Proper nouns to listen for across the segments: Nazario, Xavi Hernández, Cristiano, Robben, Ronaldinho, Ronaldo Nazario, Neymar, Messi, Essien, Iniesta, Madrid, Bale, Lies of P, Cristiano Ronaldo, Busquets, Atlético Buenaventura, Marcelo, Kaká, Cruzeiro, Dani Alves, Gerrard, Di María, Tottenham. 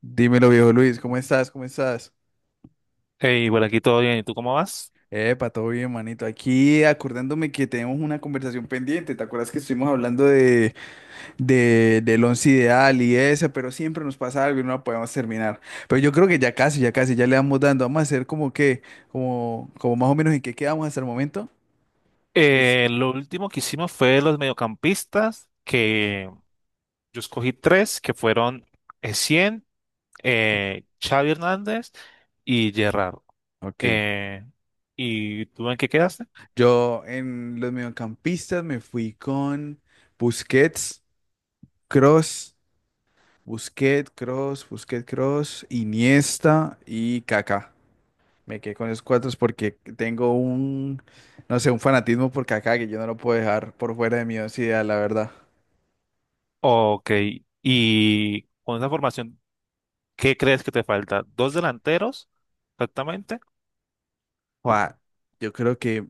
Dímelo, viejo Luis, ¿cómo estás? ¿Cómo estás? Hey, bueno, aquí todo bien. ¿Y tú cómo vas? Epa, todo bien, manito. Aquí acordándome que tenemos una conversación pendiente. ¿Te acuerdas que estuvimos hablando del once ideal y eso? Pero siempre nos pasa algo y no la podemos terminar. Pero yo creo que ya casi, ya casi, ya le vamos dando. Vamos a hacer como más o menos en qué quedamos hasta el momento. Des- Lo último que hicimos fue los mediocampistas, que yo escogí tres, que fueron Essien, Xavi Hernández y Gerrard. Ok. Eh, ¿Y tú en qué quedaste? Yo en los mediocampistas me fui con Busquets, Cross. Busquets, Cross, Iniesta y Kaká. Me quedé con esos cuatro porque tengo un, no sé, un fanatismo por Kaká que yo no lo puedo dejar por fuera de mi once ideal, la verdad. Ok, y con esa formación, ¿qué crees que te falta? ¿Dos delanteros exactamente? Jua, yo creo que,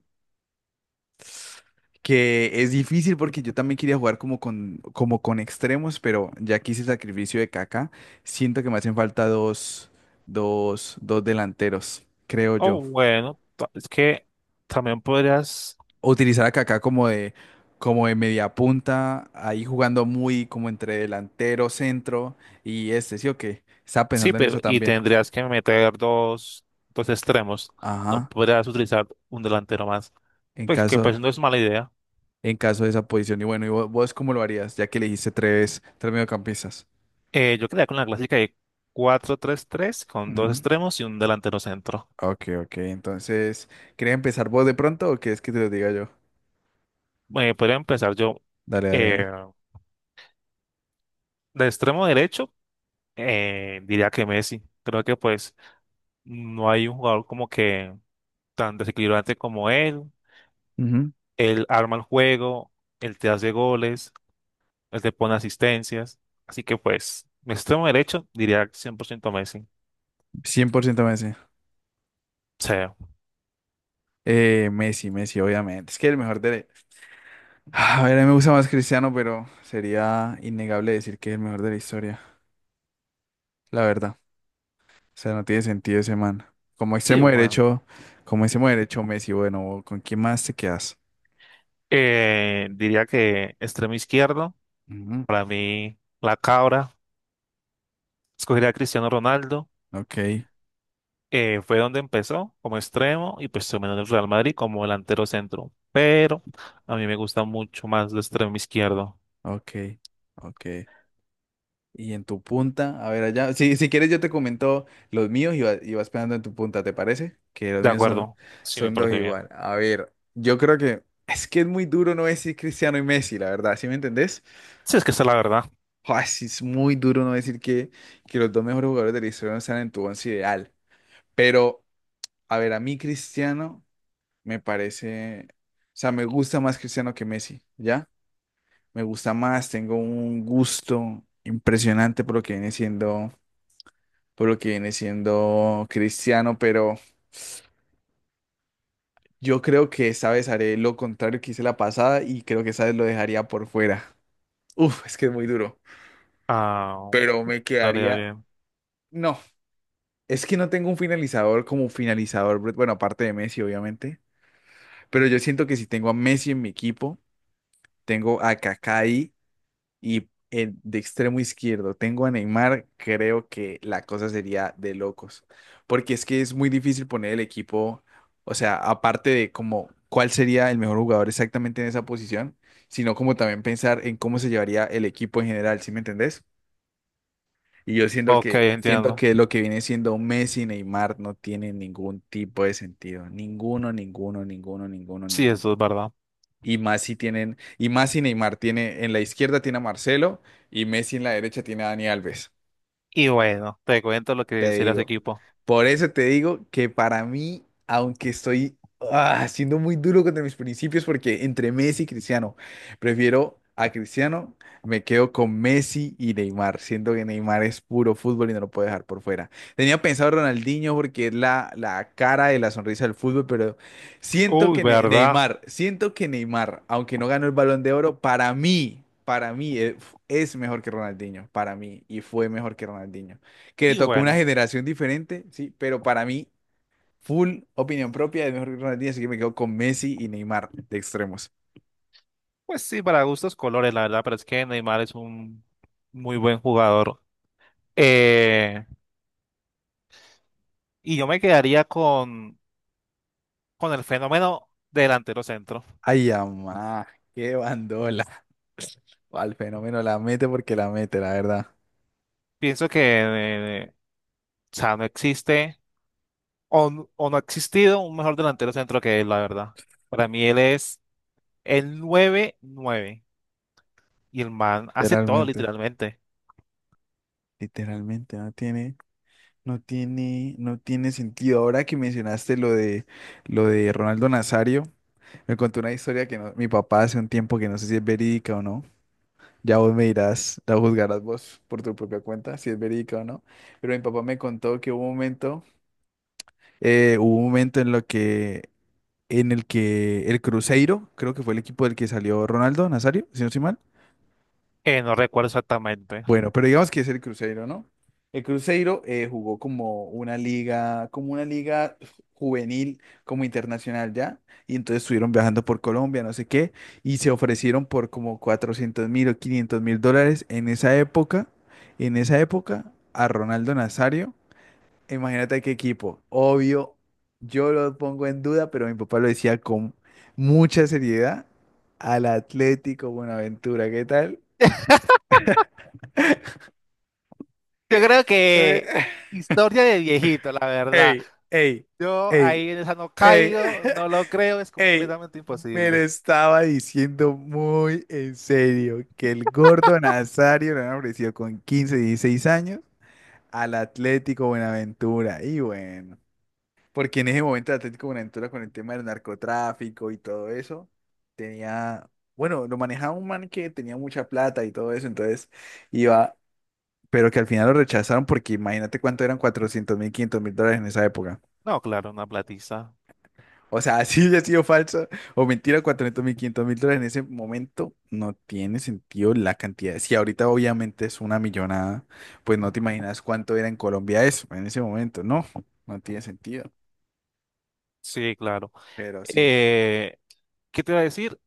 que es difícil porque yo también quería jugar como con extremos, pero ya que hice el sacrificio de Kaká, siento que me hacen falta dos delanteros, creo yo. O bueno, es que también podrías. Utilizar a Kaká como de media punta, ahí jugando muy como entre delantero, centro y este, ¿sí o qué? Estaba Sí, pensando en pero eso y también. tendrías que meter dos extremos. No Ajá, podrías utilizar un delantero más. en Pues que caso, pues no es mala idea. en caso de esa posición. Y bueno, ¿y vos cómo lo harías? Ya que elegiste tres mediocampistas. Yo quedaría con la clásica de 4-3-3 con dos Ujú. extremos y un delantero centro. Ok, ok. Entonces, ¿querés empezar vos de pronto o quieres que te lo diga yo? Podría empezar yo Dale, dale, eh, dale. de extremo derecho, diría que Messi. Creo que pues no hay un jugador como que tan desequilibrante como él. Ujú. Él arma el juego, él te hace goles, él te pone asistencias. Así que pues, mi extremo derecho diría 100% Messi. 100% Messi. Sí, Messi, Messi, obviamente. Es que el mejor a ver, a mí me gusta más Cristiano, pero sería innegable decir que es el mejor de la historia, la verdad. O sea, no tiene sentido ese man. Como sí, extremo bueno. derecho, como extremo derecho Messi, bueno, ¿con quién más te quedas? Diría que extremo izquierdo, Ujú. para mí la cabra, escogería a Cristiano Ronaldo. Ok, Fue donde empezó como extremo y pues terminó en el Real Madrid como delantero centro. Pero a mí me gusta mucho más el extremo izquierdo. ok, ok. Y en tu punta, a ver allá, si quieres yo te comento los míos y, y vas pegando en tu punta, ¿te parece? Que los De míos son, acuerdo, sí me son dos parece bien. igual. A ver, yo creo que es muy duro no decir Cristiano y Messi, la verdad, ¿sí me entendés? Sí, es que esa es la verdad. Joder, sí es muy duro no decir que los dos mejores jugadores de la historia no están en tu once ideal. Pero, a ver, a mí Cristiano me parece, o sea, me gusta más Cristiano que Messi, ¿ya? Me gusta más, tengo un gusto impresionante por lo que viene siendo, por lo que viene siendo Cristiano, pero yo creo que esta vez haré lo contrario que hice la pasada y creo que esta vez lo dejaría por fuera. Uf, es que es muy duro, Ah, pero me estaría quedaría, bien. no. Es que no tengo un finalizador como finalizador, Brett, bueno, aparte de Messi, obviamente. Pero yo siento que si tengo a Messi en mi equipo, tengo a Kaká ahí y en de extremo izquierdo tengo a Neymar, creo que la cosa sería de locos. Porque es que es muy difícil poner el equipo, o sea, aparte de como cuál sería el mejor jugador exactamente en esa posición, sino como también pensar en cómo se llevaría el equipo en general, ¿sí me entendés? Y yo Ok, siento entiendo. que lo que viene siendo Messi y Neymar no tiene ningún tipo de sentido. Ninguno, ninguno, ninguno, ninguno, Sí, ninguno. eso es verdad. Y más si Neymar tiene, en la izquierda tiene a Marcelo y Messi en la derecha tiene a Dani Alves. Y bueno, te cuento lo que Te sería ese digo. equipo. Por eso te digo que para mí, aunque estoy siendo muy duro contra mis principios, porque entre Messi y Cristiano, prefiero a Cristiano, me quedo con Messi y Neymar, siendo que Neymar es puro fútbol y no lo puedo dejar por fuera. Tenía pensado Ronaldinho porque es la cara y la sonrisa del fútbol, pero siento Uy, que ¿verdad? Neymar, siento que Neymar, aunque no ganó el Balón de Oro, para mí es mejor que Ronaldinho, para mí, y fue mejor que Ronaldinho que le Y tocó una bueno, generación diferente, sí, pero para mí, full opinión propia de mejor que Ronaldinho, así que me quedo con Messi y Neymar de extremos. pues sí, para gustos colores, la verdad, pero es que Neymar es un muy buen jugador. Eh, y yo me quedaría con el fenómeno delantero centro. Ay, amá, qué bandola. Al fenómeno la mete porque la mete, la verdad. Pienso que, eh, o sea, no existe o no ha existido un mejor delantero centro que él, la verdad. Para mí él es el nueve nueve, y el man hace todo Literalmente. literalmente. Literalmente, no tiene sentido. Ahora que mencionaste lo de Ronaldo Nazario, me contó una historia que mi papá hace un tiempo que no sé si es verídica o no. Ya vos me dirás, la juzgarás vos por tu propia cuenta, si es verídica o no. Pero mi papá me contó que hubo un momento, eh, hubo un momento en lo que, en el que el Cruzeiro, creo que fue el equipo del que salió Ronaldo Nazario, si no estoy mal. No recuerdo exactamente. Bueno, pero digamos que es el Cruzeiro, ¿no? El Cruzeiro jugó como una liga juvenil, como internacional ya, y entonces estuvieron viajando por Colombia, no sé qué, y se ofrecieron por como 400.000 o 500.000 dólares en esa época, a Ronaldo Nazario. Imagínate qué equipo. Obvio, yo lo pongo en duda, pero mi papá lo decía con mucha seriedad al Atlético Buenaventura, ¿qué tal? Yo creo que historia de viejito, la verdad. Ey, ey, Yo ey, ahí en esa no ey, caigo, no lo creo, es ey. completamente Me lo imposible. estaba diciendo muy en serio que el gordo Nazario lo han ofrecido con 15, 16 años al Atlético Buenaventura. Y bueno, porque en ese momento el Atlético Buenaventura con el tema del narcotráfico y todo eso, tenía, bueno, lo manejaba un man que tenía mucha plata y todo eso, entonces iba, pero que al final lo rechazaron porque imagínate cuánto eran 400.000, 500.000 dólares en esa época. No, claro, una platiza. O sea, si hubiera sido falsa o mentira, 400.000, 500 mil dólares en ese momento no tiene sentido la cantidad. Si ahorita obviamente es una millonada, pues no te imaginas cuánto era en Colombia eso en ese momento. No, no tiene sentido. Sí, claro. Pero sí. Eh, ¿Qué te iba a decir?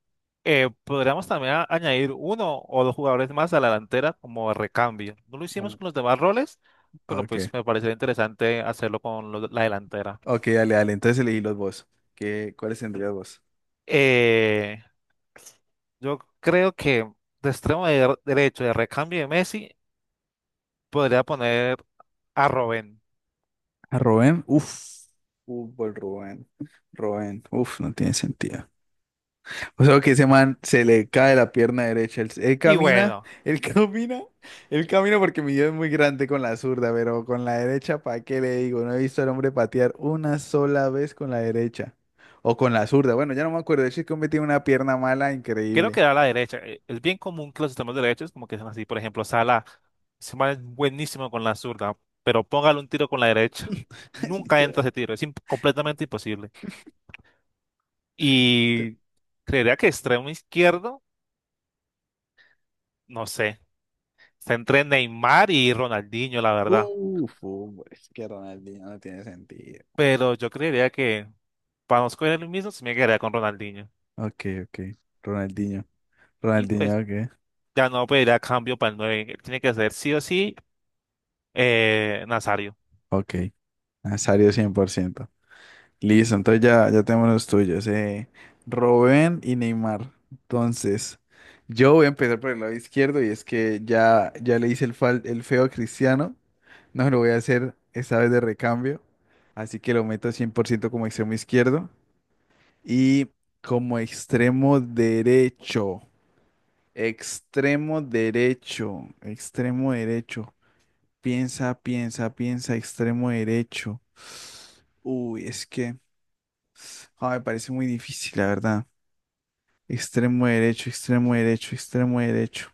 Podríamos también añadir uno o dos jugadores más a la delantera como recambio. No lo hicimos como- con los demás roles, pero Ok, pues me parecería interesante hacerlo con la delantera. ok, dale, dale. Entonces elegí los vos. ¿Qué, cuáles tendrías vos? Eh, yo creo que de extremo derecho de recambio de Messi podría poner a Robben. A Rubén, uff, fútbol, Rubén, Rubén, uff, no tiene sentido. O sea, que ese man se le cae la pierna derecha. Él Y camina, bueno, él camina, él camina porque mi Dios es muy grande con la zurda, pero con la derecha, ¿para qué le digo? No he visto al hombre patear una sola vez con la derecha. O con la zurda. Bueno, ya no me acuerdo. El chico me tiene una pierna mala creo increíble. que da la derecha. Es bien común que los sistemas de derechos, como que sean así, por ejemplo, Sala, se es buenísimo con la zurda, pero póngale un tiro con la derecha. Nunca entra Literal. ese tiro, es completamente imposible. Literal. Y creería que extremo izquierdo, no sé, está entre Neymar y Ronaldinho, la verdad. Uf, hombre, es que Ronaldinho no tiene sentido. Pero yo creería que para no escoger el mismo, se me quedaría con Ronaldinho. Ok, ok. Ronaldinho. Y Ronaldinho, pues ok. ya no pediría cambio para el 9. Tiene que ser sí o sí Nazario. Ok. Nazario 100%. Listo, entonces ya, ya tenemos los tuyos. Robben y Neymar. Entonces, yo voy a empezar por el lado izquierdo y es que ya, ya le hice el feo a Cristiano. No lo voy a hacer esta vez de recambio. Así que lo meto 100% como extremo izquierdo. Y como extremo derecho. Extremo derecho. Extremo derecho. Piensa, piensa, piensa, extremo derecho. Uy, es que. Ah, me parece muy difícil, la verdad. Extremo derecho, extremo derecho, extremo derecho.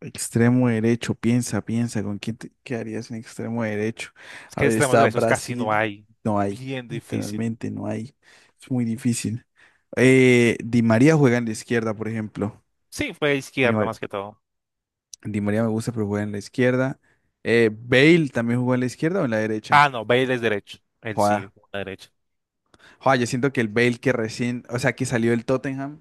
Extremo derecho, piensa, piensa, ¿con quién te quedarías en extremo derecho? Es A que de ver, extremos está derechos casi no Brasil, hay. no hay, Bien difícil. literalmente no hay. Es muy difícil. Di María juega en la izquierda, por ejemplo. Sí, fue Di izquierda Mar- más que todo. Di María me gusta, pero juega en la izquierda. Bale también jugó en la izquierda o en la derecha. Ah, no, Bale es derecho. Él sí, Joda. jugó a la derecha. Joder, yo siento que el Bale que recién, o sea, que salió del Tottenham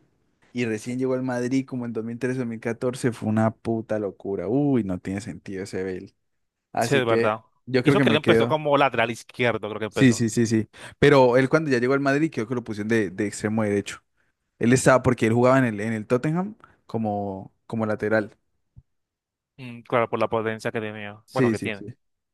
y recién llegó al Madrid como en 2013, 2014 fue una puta locura. Uy, no tiene sentido ese Bale. Sí, Así es que verdad. yo Y creo eso que que él me empezó quedo. como lateral izquierdo, creo que Sí, empezó. sí, sí, sí. Pero él cuando ya llegó al Madrid creo que lo pusieron de extremo derecho. Él estaba porque él jugaba en el Tottenham como lateral. Mm, claro, por la potencia que tenía. Bueno, Sí, que sí, sí. tiene.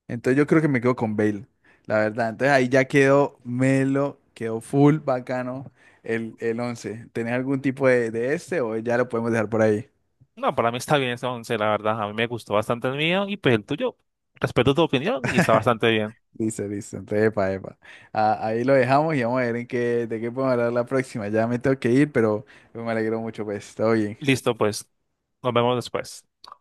Entonces yo creo que me quedo con Bale, la verdad. Entonces ahí ya quedó Melo, quedó full bacano el 11. ¿Tenés algún tipo de este o ya lo podemos dejar por ahí? No, para mí está bien ese once, la verdad. A mí me gustó bastante el mío y pues el tuyo. Respeto tu opinión y está bastante bien. Listo, listo. Entonces, epa, epa. Ah, ahí lo dejamos y vamos a ver de qué podemos hablar la próxima. Ya me tengo que ir, pero me alegro mucho, pues. Todo bien. Listo, pues. Nos vemos después.